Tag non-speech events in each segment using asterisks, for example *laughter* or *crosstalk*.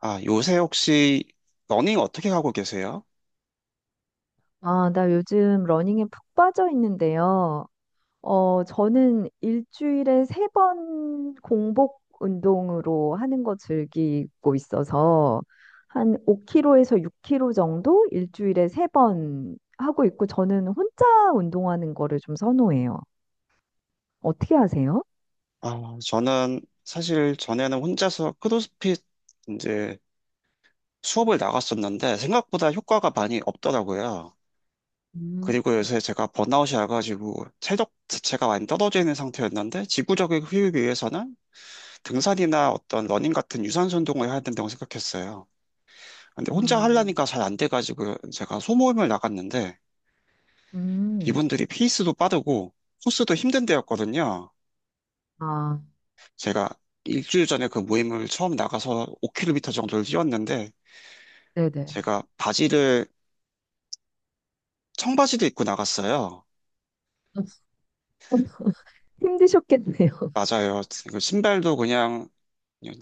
아, 요새 혹시 러닝 어떻게 하고 계세요? 아, 나 요즘 러닝에 푹 빠져 있는데요. 저는 일주일에 세 번 공복 운동으로 하는 거 즐기고 있어서 한 5km에서 6km 정도 일주일에 세 번 하고 있고 저는 혼자 운동하는 거를 좀 선호해요. 어떻게 하세요? 아, 저는 사실 전에는 혼자서 크로스핏 이제 수업을 나갔었는데 생각보다 효과가 많이 없더라고요. 음, 그리고 요새 제가 번아웃이 와가지고 체력 자체가 많이 떨어져 있는 상태였는데 지구적인 휴익을 위해서는 등산이나 어떤 러닝 같은 유산소 운동을 해야 된다고 생각했어요. 근데 혼자 음, 하려니까 잘 안 돼가지고 제가 소모임을 나갔는데 음. 이분들이 페이스도 빠르고 코스도 힘든 데였거든요. 아, 제가 일주일 전에 그 모임을 처음 나가서 5km 정도를 뛰었는데 네네. 제가 바지를 청바지도 입고 나갔어요. *laughs* 힘드셨겠네요. 맞아요. 그 신발도 그냥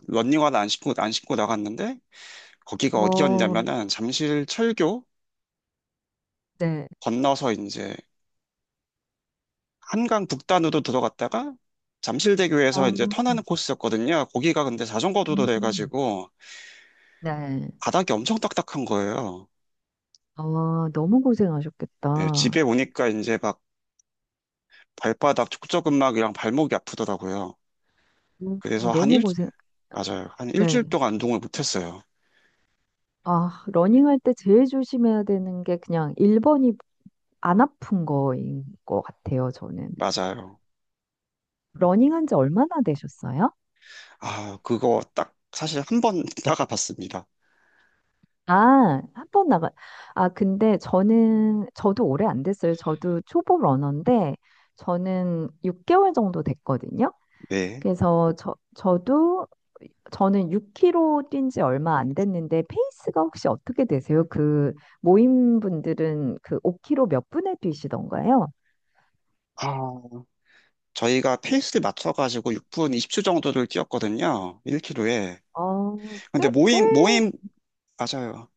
런닝화는 안 신고 나갔는데 거기가 어, 어디였냐면은 잠실 철교 네. 건너서 이제 한강 북단으로 들어갔다가 어, 잠실대교에서 이제 턴하는 코스였거든요. 거기가 근데 자전거 도로 음, 돼가지고 네. 바닥이 엄청 딱딱한 거예요. 아, 너무 네, 집에 고생하셨겠다. 오니까 이제 막 발바닥 족저근막이랑 발목이 아프더라고요. 음, 그래서 너무 고생, 맞아요. 한 일주일 네. 동안 운동을 못했어요. 아, 러닝할 때 제일 조심해야 되는 게 그냥 1번이 안 아픈 거인 것 같아요, 저는. 맞아요. 러닝한 지 얼마나 되셨어요? 아, 그거 딱 사실 한 번 *laughs* 나가 봤습니다. 아, 한 번 나가, 아, 근데 저도 오래 안 됐어요. 저도 초보 러너인데, 저는 6개월 정도 됐거든요. 네. 그래서 저, 저도 저는 6km 뛴 지 얼마 안 됐는데 페이스가 혹시 어떻게 되세요? 그 모임 분들은 그 5km 몇 분에 뛰시던가요? 아, 저희가 페이스를 맞춰가지고 6분 20초 정도를 뛰었거든요. 1km에. 어, 꽤, 근데 꽤, 맞아요.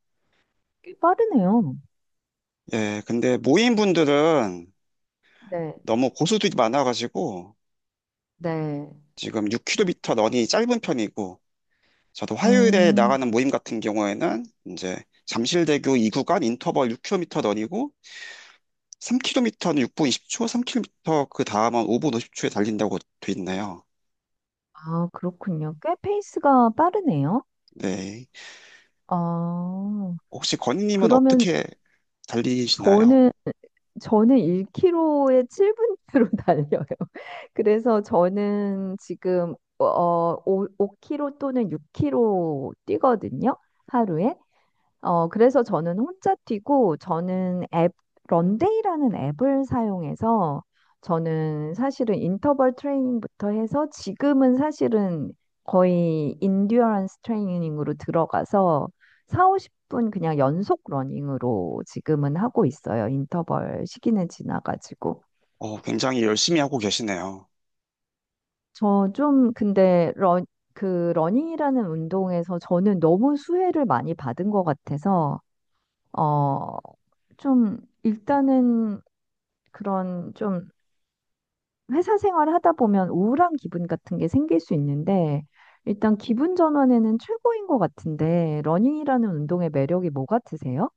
꽤 빠르네요. 예, 근데 모임 분들은 네, 너무 고수들이 많아가지고 네. 지금 6km 런이 짧은 편이고 저도 화요일에 음, 나가는 모임 같은 경우에는 이제 잠실대교 2구간 인터벌 6km 런이고 3km는 6분 20초, 3km 그 다음은 5분 50초에 달린다고 돼 있네요. 아, 그렇군요. 꽤 페이스가 빠르네요. 네. 아, 혹시 건희님은 그러면 어떻게 달리시나요? 저는 저는 1km에 7분으로 *laughs* 달려요. 그래서 저는 지금 5km 또는 6km 뛰거든요. 하루에. 그래서 저는 혼자 뛰고, 저는 앱, 런데이라는 앱을 사용해서, 저는 사실은 인터벌 트레이닝부터 해서, 지금은 사실은 거의 인듀어런스 트레이닝으로 들어가서, 4, 50분 그냥 연속 러닝으로 지금은 하고 있어요. 인터벌 시기는 지나가지고. 어, 굉장히 열심히 하고 계시네요. 저 좀, 근데, 러 그 러닝이라는 운동에서 저는 너무 수혜를 많이 받은 것 같아서, 어, 좀, 일단은 그런 좀 회사 생활 하다 보면 우울한 기분 같은 게 생길 수 있는데, 일단 기분 전환에는 최고인 것 같은데, 러닝이라는 운동의 매력이 뭐 같으세요?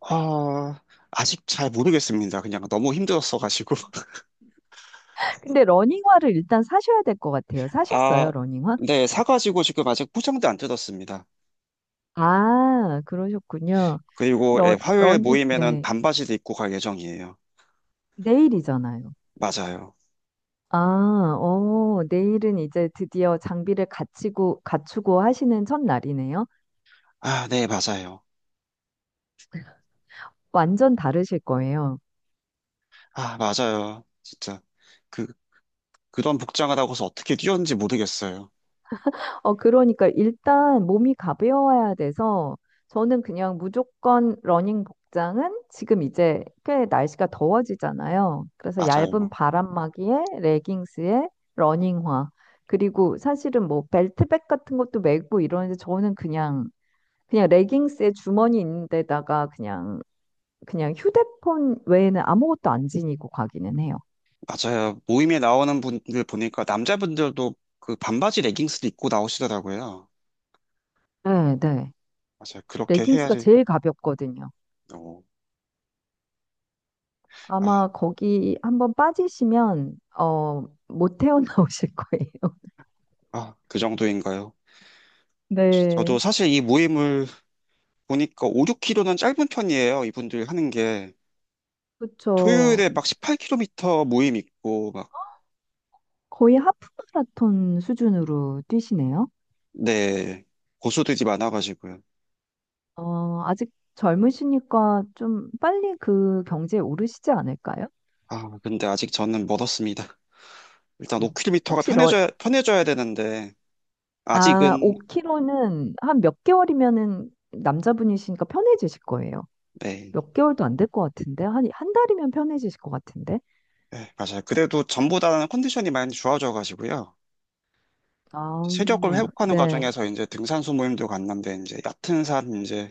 아, 아직 잘 모르겠습니다. 그냥 너무 힘들었어가지고. *laughs* 근데 러닝화를 일단 사셔야 될 것 같아요. 아, 사셨어요, 러닝화? 네, 사가지고 지금 아직 포장도 안 뜯었습니다. 아, 그러셨군요. 그리고 예, 화요일 러닝, 모임에는 네. 반바지도 입고 갈 예정이에요. 내일이잖아요. 맞아요. 아, 내일은 이제 드디어 장비를 갖추고 하시는 첫날이네요. 아, 네, 맞아요. 완전 다르실 거예요. 아, 맞아요. 진짜. 그, 그런 복장을 하고서 어떻게 뛰었는지 모르겠어요. 그러니까 일단 몸이 가벼워야 돼서 저는 그냥 무조건 러닝 복장은 지금 이제 꽤 날씨가 더워지잖아요. 그래서 얇은 맞아요. 바람막이에 레깅스에 러닝화. 그리고 사실은 뭐 벨트백 같은 것도 메고 이러는데 저는 그냥 레깅스에 주머니 있는 데다가 그냥 휴대폰 외에는 아무것도 안 지니고 가기는 해요. 맞아요. 모임에 나오는 분들 보니까 남자분들도 그 반바지 레깅스도 입고 나오시더라고요. 네, 네. 맞아요. 그렇게 레깅스가 해야지. 제일 가볍거든요. 어, 아, 아마 거기 한번 빠지시면 못 헤어나오실 거예요. *laughs* 아, 그 정도인가요? 저도 네, 사실 이 모임을 보니까 5, 6km는 짧은 편이에요. 이분들 하는 게. 그렇죠. 토요일에 막 18km 모임 있고, 막, 거의 하프 마라톤 수준으로 뛰시네요. 네, 고수들이 많아가지고요. 아직 젊으시니까 좀 빨리 그 경지에 오르시지 않을까요? 아, 근데 아직 저는 멀었습니다. 일단 음. 5km가 혹시 편해져야 되는데, 아, 아직은. 5km는 한 몇 개월이면은 남자분이시니까 편해지실 거예요. 네. 몇 개월도 안 될 것 같은데 한, 한 달이면 편해지실 것 같은데. 네, 맞아요. 그래도 전보다는 컨디션이 많이 좋아져가지고요. 아, 체력을 회복하는 네. 과정에서 이제 등산소 모임도 갔는데, 이제 얕은 산, 이제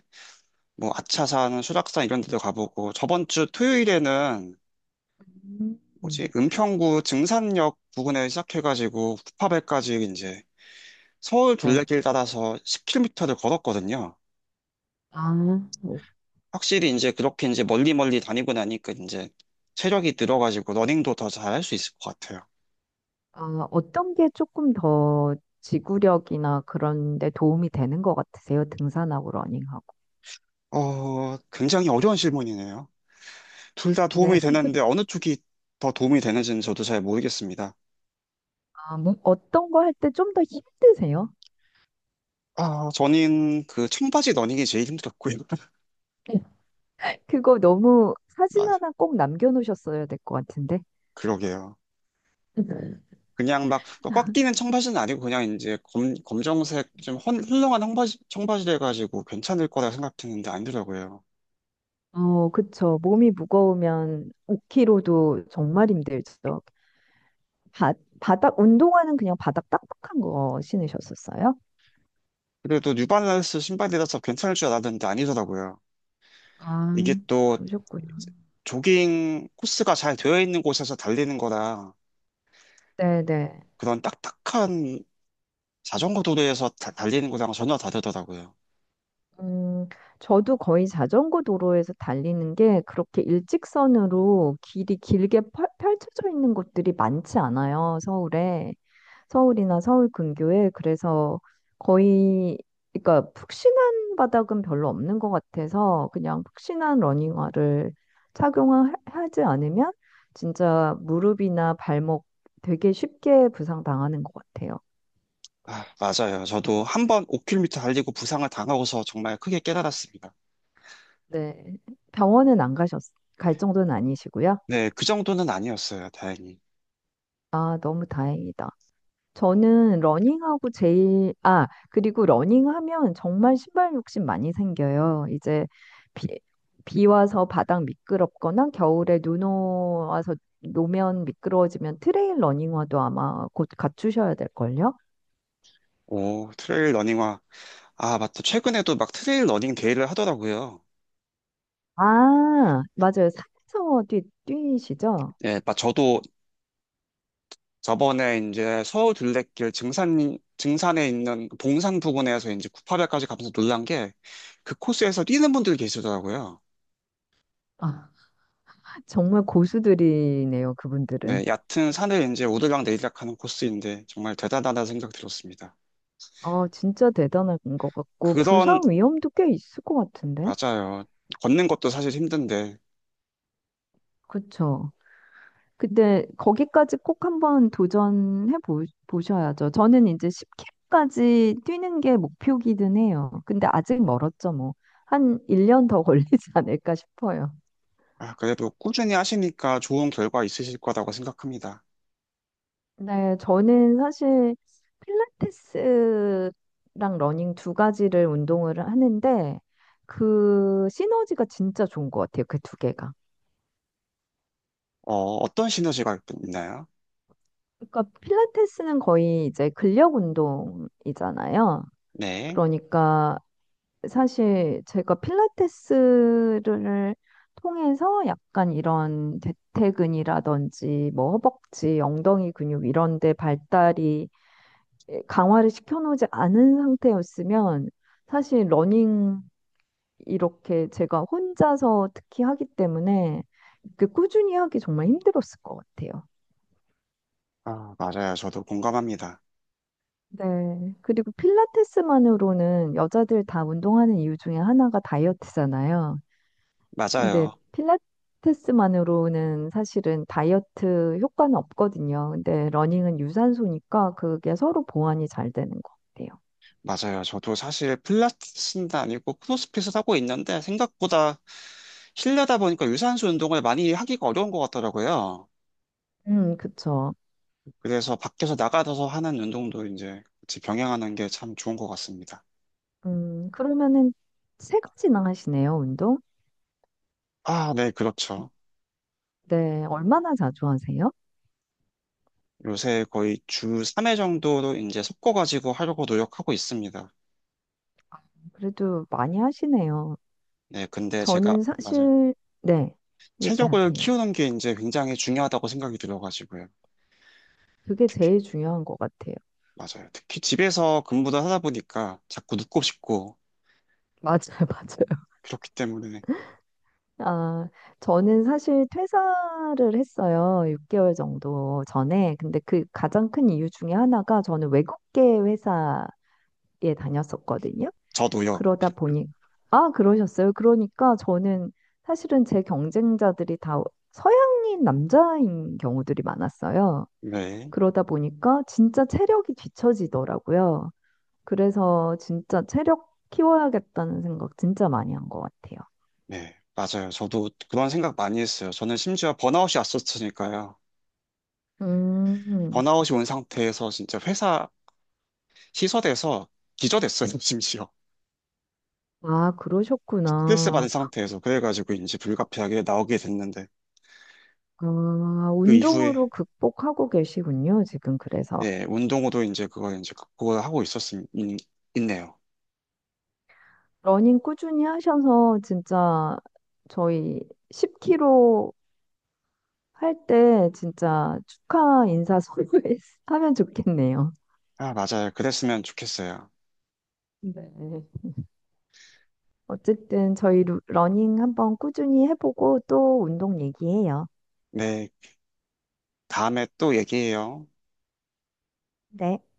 뭐 아차산, 수락산 이런 데도 가보고, 저번 주 토요일에는 뭐지, 음. 은평구 증산역 부근에 시작해가지고 구파발까지 이제 서울 네. 둘레길 따라서 10km를 걸었거든요. 아, 어. 확실히 이제 그렇게 이제 멀리 멀리 다니고 나니까 이제 체력이 늘어가지고 러닝도 더 잘할 수 있을 것 같아요. 아, 어떤 게 조금 더 지구력이나 그런 데 도움이 되는 것 같으세요? 등산하고 러닝하고. 어, 굉장히 어려운 질문이네요. 둘 다 네. 도움이 되는데 어느 쪽이 더 도움이 되는지는 저도 잘 모르겠습니다. 아, 뭐, 어떤 거 할 때 좀 더 힘드세요? 아, 저는 그 청바지 러닝이 제일 힘들었고요. *laughs* 그거 너무 사진 맞, 하나 꼭 남겨놓으셨어야 될 것 같은데. 그러게요. 그냥 막 꽉 끼는 청바지는 아니고 그냥 이제 검정색 좀 헐렁한 청바지 가지고 괜찮을 거라 생각했는데 아니더라고요. 그쵸. 몸이 무거우면 5kg도 정말 힘들죠. 바, 바닥, 운동화는 그냥 바닥 딱딱한 거 신으셨었어요? 그래도 뉴발란스 신발이라서 괜찮을 줄 알았는데 아니더라고요. 이게 아, 또 그러셨구나. 조깅 코스가 잘 되어 있는 곳에서 달리는 거랑 네네. 그런 딱딱한 자전거 도로에서 달리는 거랑 전혀 다르더라고요. 음, 저도 거의 자전거 도로에서 달리는 게 그렇게 일직선으로 길이 길게 펼쳐져 있는 곳들이 많지 않아요, 서울에. 서울이나 서울 근교에. 그래서 거의, 그러니까 푹신한 바닥은 별로 없는 것 같아서 그냥 푹신한 러닝화를 착용하지 않으면 진짜 무릎이나 발목 되게 쉽게 부상당하는 것 같아요. 아, 맞아요. 저도 한 번 5km 달리고 부상을 당하고서 정말 크게 깨달았습니다. 네. 병원은 안 가셨, 갈 정도는 아니시고요. 네, 그 정도는 아니었어요. 다행히. 아, 너무 다행이다. 저는 러닝하고 제일, 아, 그리고 러닝하면 정말 신발 욕심 많이 생겨요. 이제 비, 비 와서 바닥 미끄럽거나 겨울에 눈 와서 노면 미끄러워지면 트레일 러닝화도 아마 곧 갖추셔야 될걸요? 오, 트레일 러닝화. 아, 맞다. 최근에도 막 트레일 러닝 데이를 하더라고요. 아, 맞아요. 산에서 뛰시죠? 네, 막 저도 저번에 이제 서울 둘레길 증산에 있는 그 봉산 부근에서 이제 구파발까지 가면서 놀란 게 그 코스에서 뛰는 분들이 계시더라고요. 아, 정말 고수들이네요, 그분들은. 네, 얕은 산을 이제 오르락 내리락 하는 코스인데 정말 대단하다는 생각 들었습니다. 아, 진짜 대단한 것 같고, 그런, 부상 위험도 꽤 있을 것 같은데? 맞아요. 걷는 것도 사실 힘든데 그쵸? 근데 거기까지 꼭 한번 도전해 보셔야죠. 저는 이제 10K까지 뛰는 게 목표기는 해요. 근데 아직 멀었죠, 뭐. 한 1년 더 *laughs* 걸리지 않을까 싶어요. 아, 그래도 꾸준히 하시니까 좋은 결과 있으실 거라고 생각합니다. 네, 저는 사실 필라테스랑 러닝 두 가지를 운동을 하는데 그 시너지가 진짜 좋은 것 같아요. 그 두 개가. 어, 어떤 시너지가 있나요? 그러니까 필라테스는 거의 이제 근력 운동이잖아요. 네. 그러니까 사실 제가 필라테스를 통해서 약간 이런 대퇴근이라든지 뭐 허벅지, 엉덩이 근육 이런 데 발달이 강화를 시켜놓지 않은 상태였으면 사실 러닝 이렇게 제가 혼자서 특히 하기 때문에 그 꾸준히 하기 정말 힘들었을 것 같아요. 아, 맞아요. 저도 공감합니다. 네. 그리고 필라테스만으로는 여자들 다 운동하는 이유 중에 하나가 다이어트잖아요. 근데 맞아요. 필라테스만으로는 사실은 다이어트 효과는 없거든요. 근데 러닝은 유산소니까 그게 서로 보완이 잘 되는 것 같아요. 맞아요. 저도 사실 필라테스는 아니고 크로스핏을 하고 있는데 생각보다 실내다 보니까 유산소 운동을 많이 하기가 어려운 것 같더라고요. 그쵸. 그래서 밖에서 나가서 하는 운동도 이제 같이 병행하는 게 참 좋은 것 같습니다. 그러면은 세 가지나 하시네요, 운동? 아, 네, 그렇죠. 네, 얼마나 자주 하세요? 요새 거의 주 3회 정도로 이제 섞어가지고 하려고 노력하고 있습니다. 그래도 많이 하시네요. 네, 근데 저는 맞아요. 사실, 네, 체력을 얘기하세요. 키우는 게 이제 굉장히 중요하다고 생각이 들어가지고요. 그게 특히, 제일 중요한 것 같아요. 맞아요. 특히 집에서 근무를 하다 보니까 자꾸 눕고 싶고, 맞아요, *laughs* 맞아요. 그렇기 때문에. 아, 저는 사실 퇴사를 했어요. 6개월 정도 전에. 근데 그 가장 큰 이유 중에 하나가 저는 외국계 회사에 다녔었거든요. 저도요. 그러다 보니, 아, 그러셨어요. 그러니까 저는 사실은 제 경쟁자들이 다 서양인 남자인 경우들이 많았어요. 네, 그러다 보니까 진짜 체력이 뒤처지더라고요. 그래서 진짜 체력 키워야겠다는 생각 진짜 많이 한 것 같아요. 네, 맞아요. 저도 그런 생각 많이 했어요. 저는 심지어 번아웃이 왔었으니까요. 음. 번아웃이 온 상태에서 진짜 회사 시설에서 기절했어요, *laughs* 심지어. 아, 스트레스 받은 그러셨구나. 상태에서. 그래가지고 이제 불가피하게 나오게 됐는데, 아, 그 이후에, 운동으로 극복하고 계시군요, 지금 그래서. 네, 운동으로 이제 그걸 이제 극복을 하고 있네요. 러닝 꾸준히 하셔서 진짜 저희 10K 로할 때 진짜 축하 인사 서로 *laughs* 하면 좋겠네요. 아, 맞아요. 그랬으면 좋겠어요. 네. 어쨌든 저희 러닝 한번 꾸준히 해보고 또 운동 얘기해요. 네, 다음에 또 얘기해요. 네.